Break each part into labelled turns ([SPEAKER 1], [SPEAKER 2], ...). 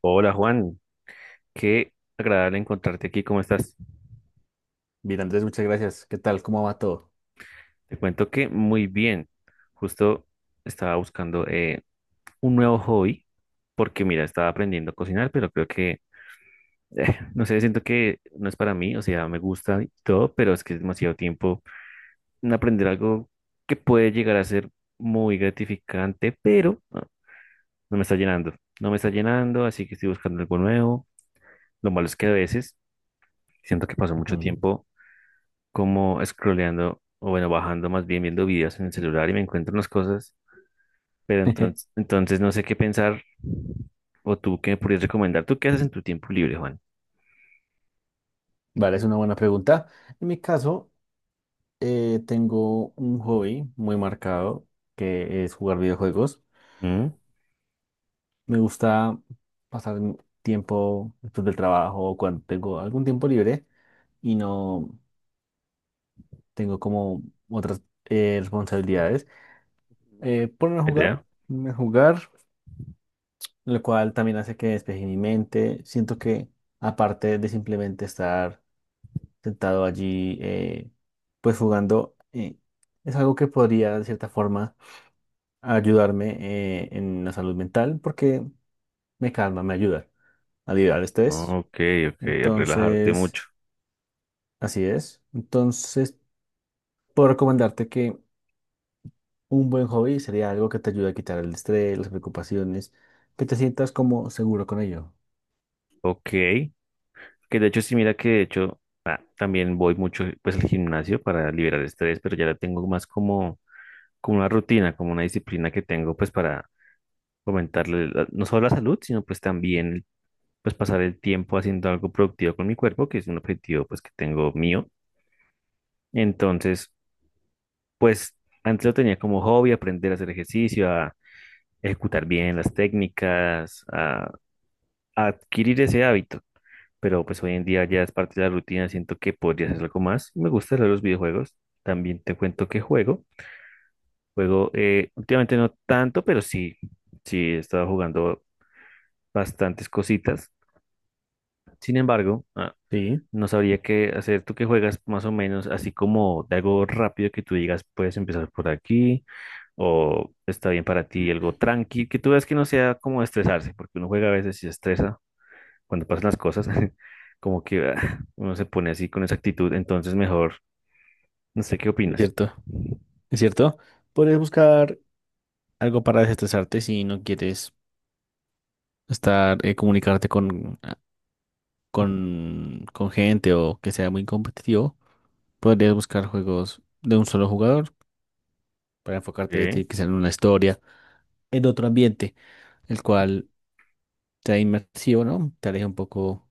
[SPEAKER 1] Hola Juan, qué agradable encontrarte aquí, ¿cómo estás?
[SPEAKER 2] Bien, Andrés, muchas gracias. ¿Qué tal? ¿Cómo va todo?
[SPEAKER 1] Te cuento que muy bien, justo estaba buscando un nuevo hobby porque mira, estaba aprendiendo a cocinar, pero creo que, no sé, siento que no es para mí, o sea, me gusta y todo, pero es que es demasiado tiempo en aprender algo que puede llegar a ser muy gratificante, pero no me está llenando, no me está llenando, así que estoy buscando algo nuevo. Lo malo es que a veces siento que paso mucho
[SPEAKER 2] Ujú.
[SPEAKER 1] tiempo, como scrolleando, o bueno, bajando más bien, viendo videos en el celular y me encuentro unas cosas, pero entonces, entonces no sé qué pensar o tú qué me podrías recomendar. ¿Tú qué haces en tu tiempo libre, Juan?
[SPEAKER 2] Vale, es una buena pregunta. En mi caso, tengo un hobby muy marcado que es jugar videojuegos.
[SPEAKER 1] ¿Mm?
[SPEAKER 2] Me gusta pasar mi tiempo después del trabajo o cuando tengo algún tiempo libre y no tengo como otras responsabilidades. Ponerme a
[SPEAKER 1] ¿Buena
[SPEAKER 2] jugar,
[SPEAKER 1] idea?
[SPEAKER 2] ponerme a jugar, lo cual también hace que despeje mi mente. Siento que aparte de simplemente estar sentado allí, pues jugando, es algo que podría de cierta forma ayudarme en la salud mental porque me calma, me ayuda a liberar estrés.
[SPEAKER 1] Ok, ok, relajarte
[SPEAKER 2] Entonces,
[SPEAKER 1] mucho.
[SPEAKER 2] así es. Entonces, puedo recomendarte que un buen hobby sería algo que te ayude a quitar el estrés, las preocupaciones, que te sientas como seguro con ello.
[SPEAKER 1] Ok, que de hecho sí, mira que de hecho también voy mucho pues al gimnasio para liberar estrés, pero ya la tengo más como, como una rutina, como una disciplina que tengo pues para fomentarle no solo la salud, sino pues también pues pasar el tiempo haciendo algo productivo con mi cuerpo, que es un objetivo pues que tengo mío. Entonces, pues antes lo tenía como hobby, aprender a hacer ejercicio, a ejecutar bien las técnicas, a adquirir ese hábito. Pero pues hoy en día ya es parte de la rutina, siento que podría hacer algo más. Me gusta leer los videojuegos. También te cuento que juego. Juego últimamente no tanto, pero sí, sí he estado jugando bastantes cositas. Sin embargo,
[SPEAKER 2] Sí,
[SPEAKER 1] no sabría qué hacer. Tú que juegas más o menos, así como de algo rápido que tú digas, puedes empezar por aquí o está bien para ti algo tranqui, que tú veas que no sea como estresarse, porque uno juega a veces y se estresa cuando pasan las cosas, como que uno se pone así con esa actitud, entonces mejor, no sé qué
[SPEAKER 2] es
[SPEAKER 1] opinas.
[SPEAKER 2] cierto, es cierto. Podrías buscar algo para desestresarte si no quieres estar, comunicarte con
[SPEAKER 1] Ujú.
[SPEAKER 2] con gente o que sea muy competitivo, podrías buscar juegos de un solo jugador para enfocarte
[SPEAKER 1] Ok,
[SPEAKER 2] ti- quizá en una historia, en otro ambiente, el cual te da inmersivo, ¿no? Te aleja un poco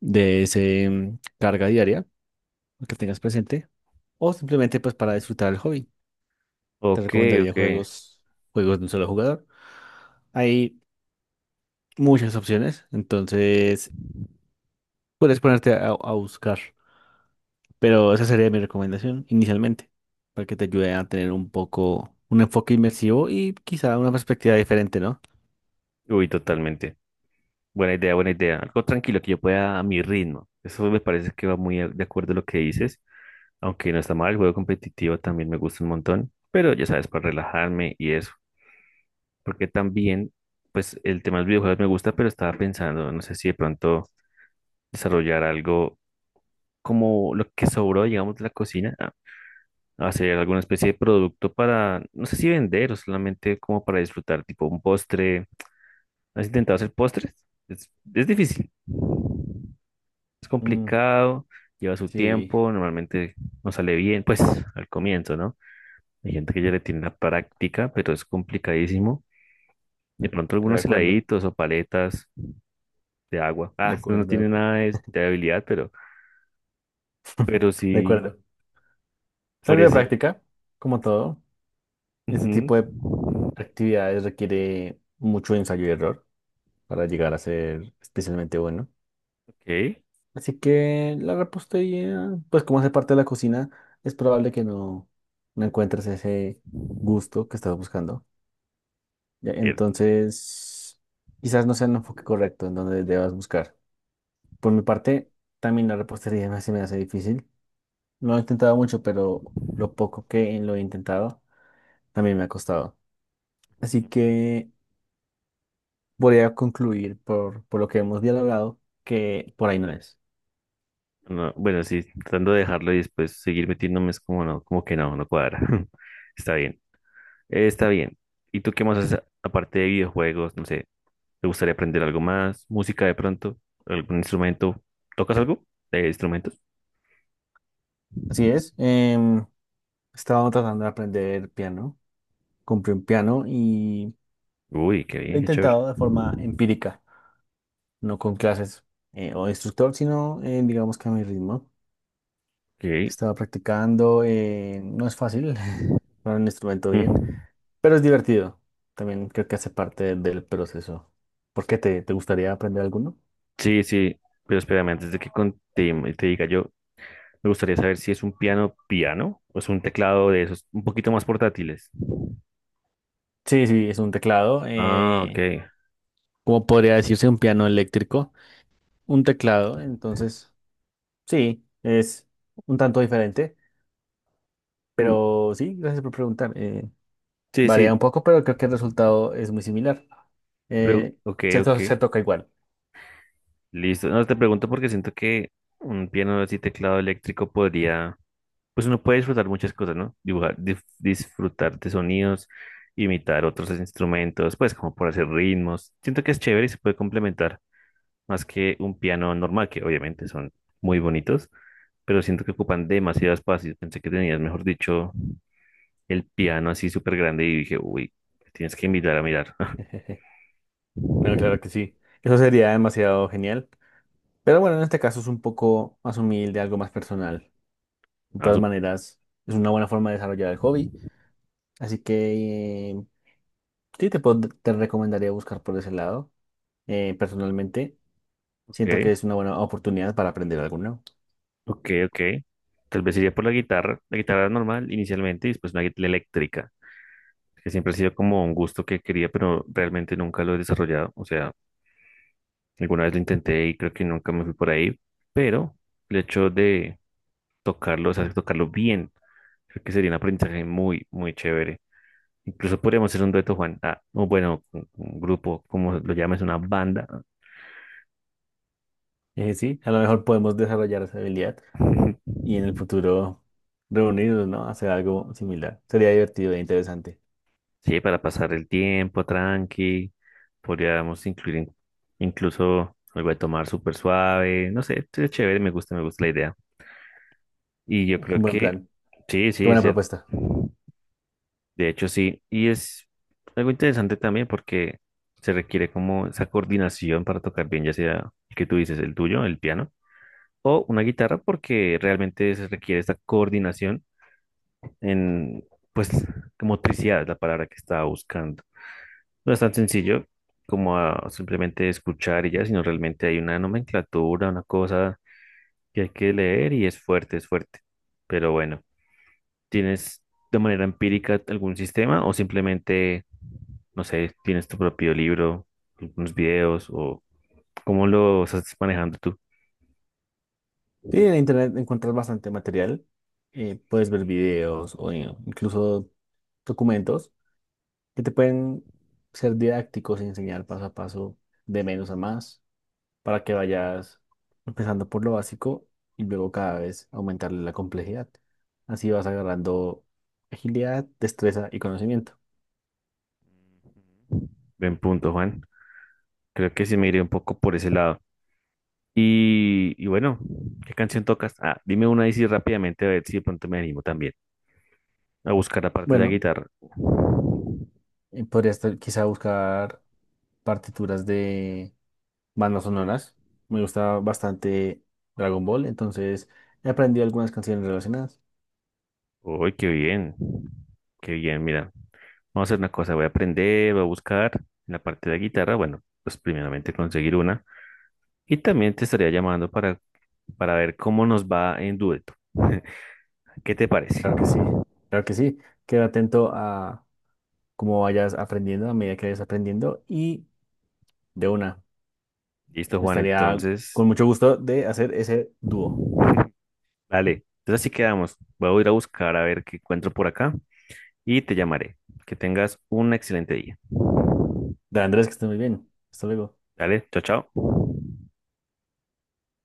[SPEAKER 2] de ese carga diaria que tengas presente o simplemente pues para disfrutar el hobby. Te
[SPEAKER 1] ok,
[SPEAKER 2] recomendaría
[SPEAKER 1] ok.
[SPEAKER 2] juegos, juegos de un solo jugador. Hay muchas opciones, entonces puedes ponerte a buscar. Pero esa sería mi recomendación inicialmente, para que te ayude a tener un poco un enfoque inmersivo y quizá una perspectiva diferente, ¿no?
[SPEAKER 1] Uy, totalmente. Buena idea, buena idea. Algo tranquilo que yo pueda a mi ritmo. Eso me parece que va muy de acuerdo a lo que dices. Aunque no está mal, el juego competitivo también me gusta un montón, pero ya sabes, para relajarme y eso. Porque también, pues el tema de los videojuegos me gusta, pero estaba pensando, no sé si de pronto desarrollar algo como lo que sobró, digamos, de la cocina, hacer alguna especie de producto para, no sé si vender o solamente como para disfrutar, tipo un postre. ¿Has intentado hacer postres? Es difícil, es
[SPEAKER 2] Mm,
[SPEAKER 1] complicado, lleva su
[SPEAKER 2] sí,
[SPEAKER 1] tiempo, normalmente no sale bien, pues al comienzo, ¿no? Hay gente que ya le tiene la práctica, pero es complicadísimo. De pronto
[SPEAKER 2] eh, de
[SPEAKER 1] algunos
[SPEAKER 2] acuerdo,
[SPEAKER 1] heladitos o paletas de agua.
[SPEAKER 2] de
[SPEAKER 1] Ah, no, no
[SPEAKER 2] acuerdo,
[SPEAKER 1] tiene nada de habilidad, pero
[SPEAKER 2] de
[SPEAKER 1] sí,
[SPEAKER 2] acuerdo. Es
[SPEAKER 1] por
[SPEAKER 2] algo de
[SPEAKER 1] eso.
[SPEAKER 2] práctica, como todo. Este tipo de
[SPEAKER 1] Ujú.
[SPEAKER 2] actividades requiere mucho ensayo y error para llegar a ser especialmente bueno.
[SPEAKER 1] Ok,
[SPEAKER 2] Así que la repostería, pues como hace parte de la cocina, es probable que no, no encuentres ese gusto que estás buscando. Ya,
[SPEAKER 1] bien.
[SPEAKER 2] entonces, quizás no sea el enfoque correcto en donde debas buscar. Por mi parte, también la repostería me- se me hace difícil. No he intentado mucho, pero lo poco que lo he intentado también me ha costado. Así que voy a concluir por lo que hemos dialogado, que por ahí no es.
[SPEAKER 1] No, bueno, sí, tratando de dejarlo y después seguir metiéndome es como no, como que no, no cuadra. Está bien, está bien. ¿Y tú qué más haces aparte de videojuegos? No sé, ¿te gustaría aprender algo más? ¿Música de pronto? ¿Algún instrumento? ¿Tocas algo de instrumentos?
[SPEAKER 2] Así es. Estaba tratando de aprender piano. Compré un piano y
[SPEAKER 1] Uy, qué
[SPEAKER 2] lo he
[SPEAKER 1] bien, qué chévere.
[SPEAKER 2] intentado de forma empírica, no con clases o instructor, sino digamos que a mi ritmo.
[SPEAKER 1] Ok.
[SPEAKER 2] Estaba practicando, no es fácil, para un instrumento bien,
[SPEAKER 1] Mm.
[SPEAKER 2] pero es divertido. También creo que hace parte del proceso. ¿Por qué te gustaría aprender alguno?
[SPEAKER 1] Sí, sí, pero espérame, antes de que te, te diga yo, me gustaría saber si es un piano piano o es un teclado de esos un poquito más portátiles.
[SPEAKER 2] Sí, sí, es un teclado,
[SPEAKER 1] Ah, ok.
[SPEAKER 2] como podría decirse un piano eléctrico, un teclado, entonces sí, es un tanto diferente,
[SPEAKER 1] Mm,
[SPEAKER 2] pero sí, gracias por preguntar.
[SPEAKER 1] sí, sí,
[SPEAKER 2] Varía un poco, pero creo que el resultado es muy similar. Eh,
[SPEAKER 1] ok, ok,
[SPEAKER 2] se toca igual.
[SPEAKER 1] listo. No, te pregunto porque siento que un piano así teclado eléctrico podría, pues uno puede disfrutar muchas cosas, ¿no? Dibujar, disfrutar de sonidos, imitar otros instrumentos, pues como por hacer ritmos. Siento que es chévere y se puede complementar, más que un piano normal, que obviamente son muy bonitos, pero siento que ocupan demasiado espacio. Pensé que tenías, mejor dicho, el piano así súper grande y dije, uy, me tienes que invitar a mirar.
[SPEAKER 2] No, claro que sí. Eso sería demasiado genial. Pero bueno, en este caso es un poco más humilde, algo más personal. De
[SPEAKER 1] Ah,
[SPEAKER 2] todas
[SPEAKER 1] sup-
[SPEAKER 2] maneras, es una buena forma de desarrollar el hobby. Así que sí, te recomendaría buscar por ese lado. Personalmente, siento que
[SPEAKER 1] ok,
[SPEAKER 2] es una buena oportunidad para aprender algo nuevo.
[SPEAKER 1] ok, ok. Tal vez iría por la guitarra normal inicialmente y después una guitarra eléctrica, que siempre ha sido como un gusto que quería, pero realmente nunca lo he desarrollado. O sea, alguna vez lo intenté y creo que nunca me fui por ahí, pero el hecho de tocarlo, o sea, tocarlo bien, creo que sería un aprendizaje muy, muy chévere. Incluso podríamos hacer un dueto, Juan, ah, o bueno, un grupo, como lo llames, una banda.
[SPEAKER 2] Sí, a lo mejor podemos desarrollar esa habilidad y en el futuro reunirnos, ¿no? Hacer algo similar. Sería divertido e interesante.
[SPEAKER 1] Sí, para pasar el tiempo tranqui. Podríamos incluir incluso algo de tomar súper suave. No sé, es chévere, me gusta la idea. Y yo
[SPEAKER 2] Es
[SPEAKER 1] creo
[SPEAKER 2] un buen
[SPEAKER 1] que
[SPEAKER 2] plan.
[SPEAKER 1] sí,
[SPEAKER 2] Qué
[SPEAKER 1] sí, es
[SPEAKER 2] buena
[SPEAKER 1] cierto.
[SPEAKER 2] propuesta.
[SPEAKER 1] De hecho, sí. Y es algo interesante también porque se requiere como esa coordinación para tocar bien, ya sea el que tú dices, el tuyo, el piano o una guitarra porque realmente se requiere esta coordinación en, pues, motricidad es la palabra que estaba buscando. No es tan sencillo como a simplemente escuchar y ya, sino realmente hay una nomenclatura, una cosa que hay que leer y es fuerte, es fuerte. Pero bueno, ¿tienes de manera empírica algún sistema o simplemente, no sé, tienes tu propio libro, unos videos o cómo lo estás manejando tú?
[SPEAKER 2] Sí,
[SPEAKER 1] Ujú.
[SPEAKER 2] en internet encuentras bastante material. Puedes ver videos o incluso documentos que te pueden ser didácticos y enseñar paso a paso de menos a más para que vayas empezando por lo básico y luego cada vez aumentarle la complejidad. Así vas agarrando agilidad, destreza y conocimiento.
[SPEAKER 1] Buen punto, Juan. Creo que sí me iré un poco por ese lado. Y bueno, ¿qué canción tocas? Ah, dime una ahí sí rápidamente a ver si de pronto me animo también a buscar aparte de la
[SPEAKER 2] Bueno,
[SPEAKER 1] guitarra.
[SPEAKER 2] podrías quizá buscar partituras de bandas sonoras. Me gusta bastante Dragon Ball, entonces he aprendido algunas canciones relacionadas.
[SPEAKER 1] Uy, qué bien. Qué bien, mira. Vamos a hacer una cosa, voy a aprender, voy a buscar en la parte de la guitarra. Bueno, pues primeramente conseguir una. Y también te estaría llamando para ver cómo nos va en dueto. ¿Qué te parece?
[SPEAKER 2] Claro que sí, claro que sí. Queda atento a como vayas aprendiendo a medida que vayas aprendiendo y de una,
[SPEAKER 1] Listo, Juan.
[SPEAKER 2] estaría
[SPEAKER 1] Entonces,
[SPEAKER 2] con mucho gusto de hacer ese dúo.
[SPEAKER 1] dale. Entonces así quedamos. Voy a ir a buscar a ver qué encuentro por acá y te llamaré. Que tengas un excelente día.
[SPEAKER 2] De Andrés, que estés muy bien. Hasta luego.
[SPEAKER 1] Dale, chao, chao.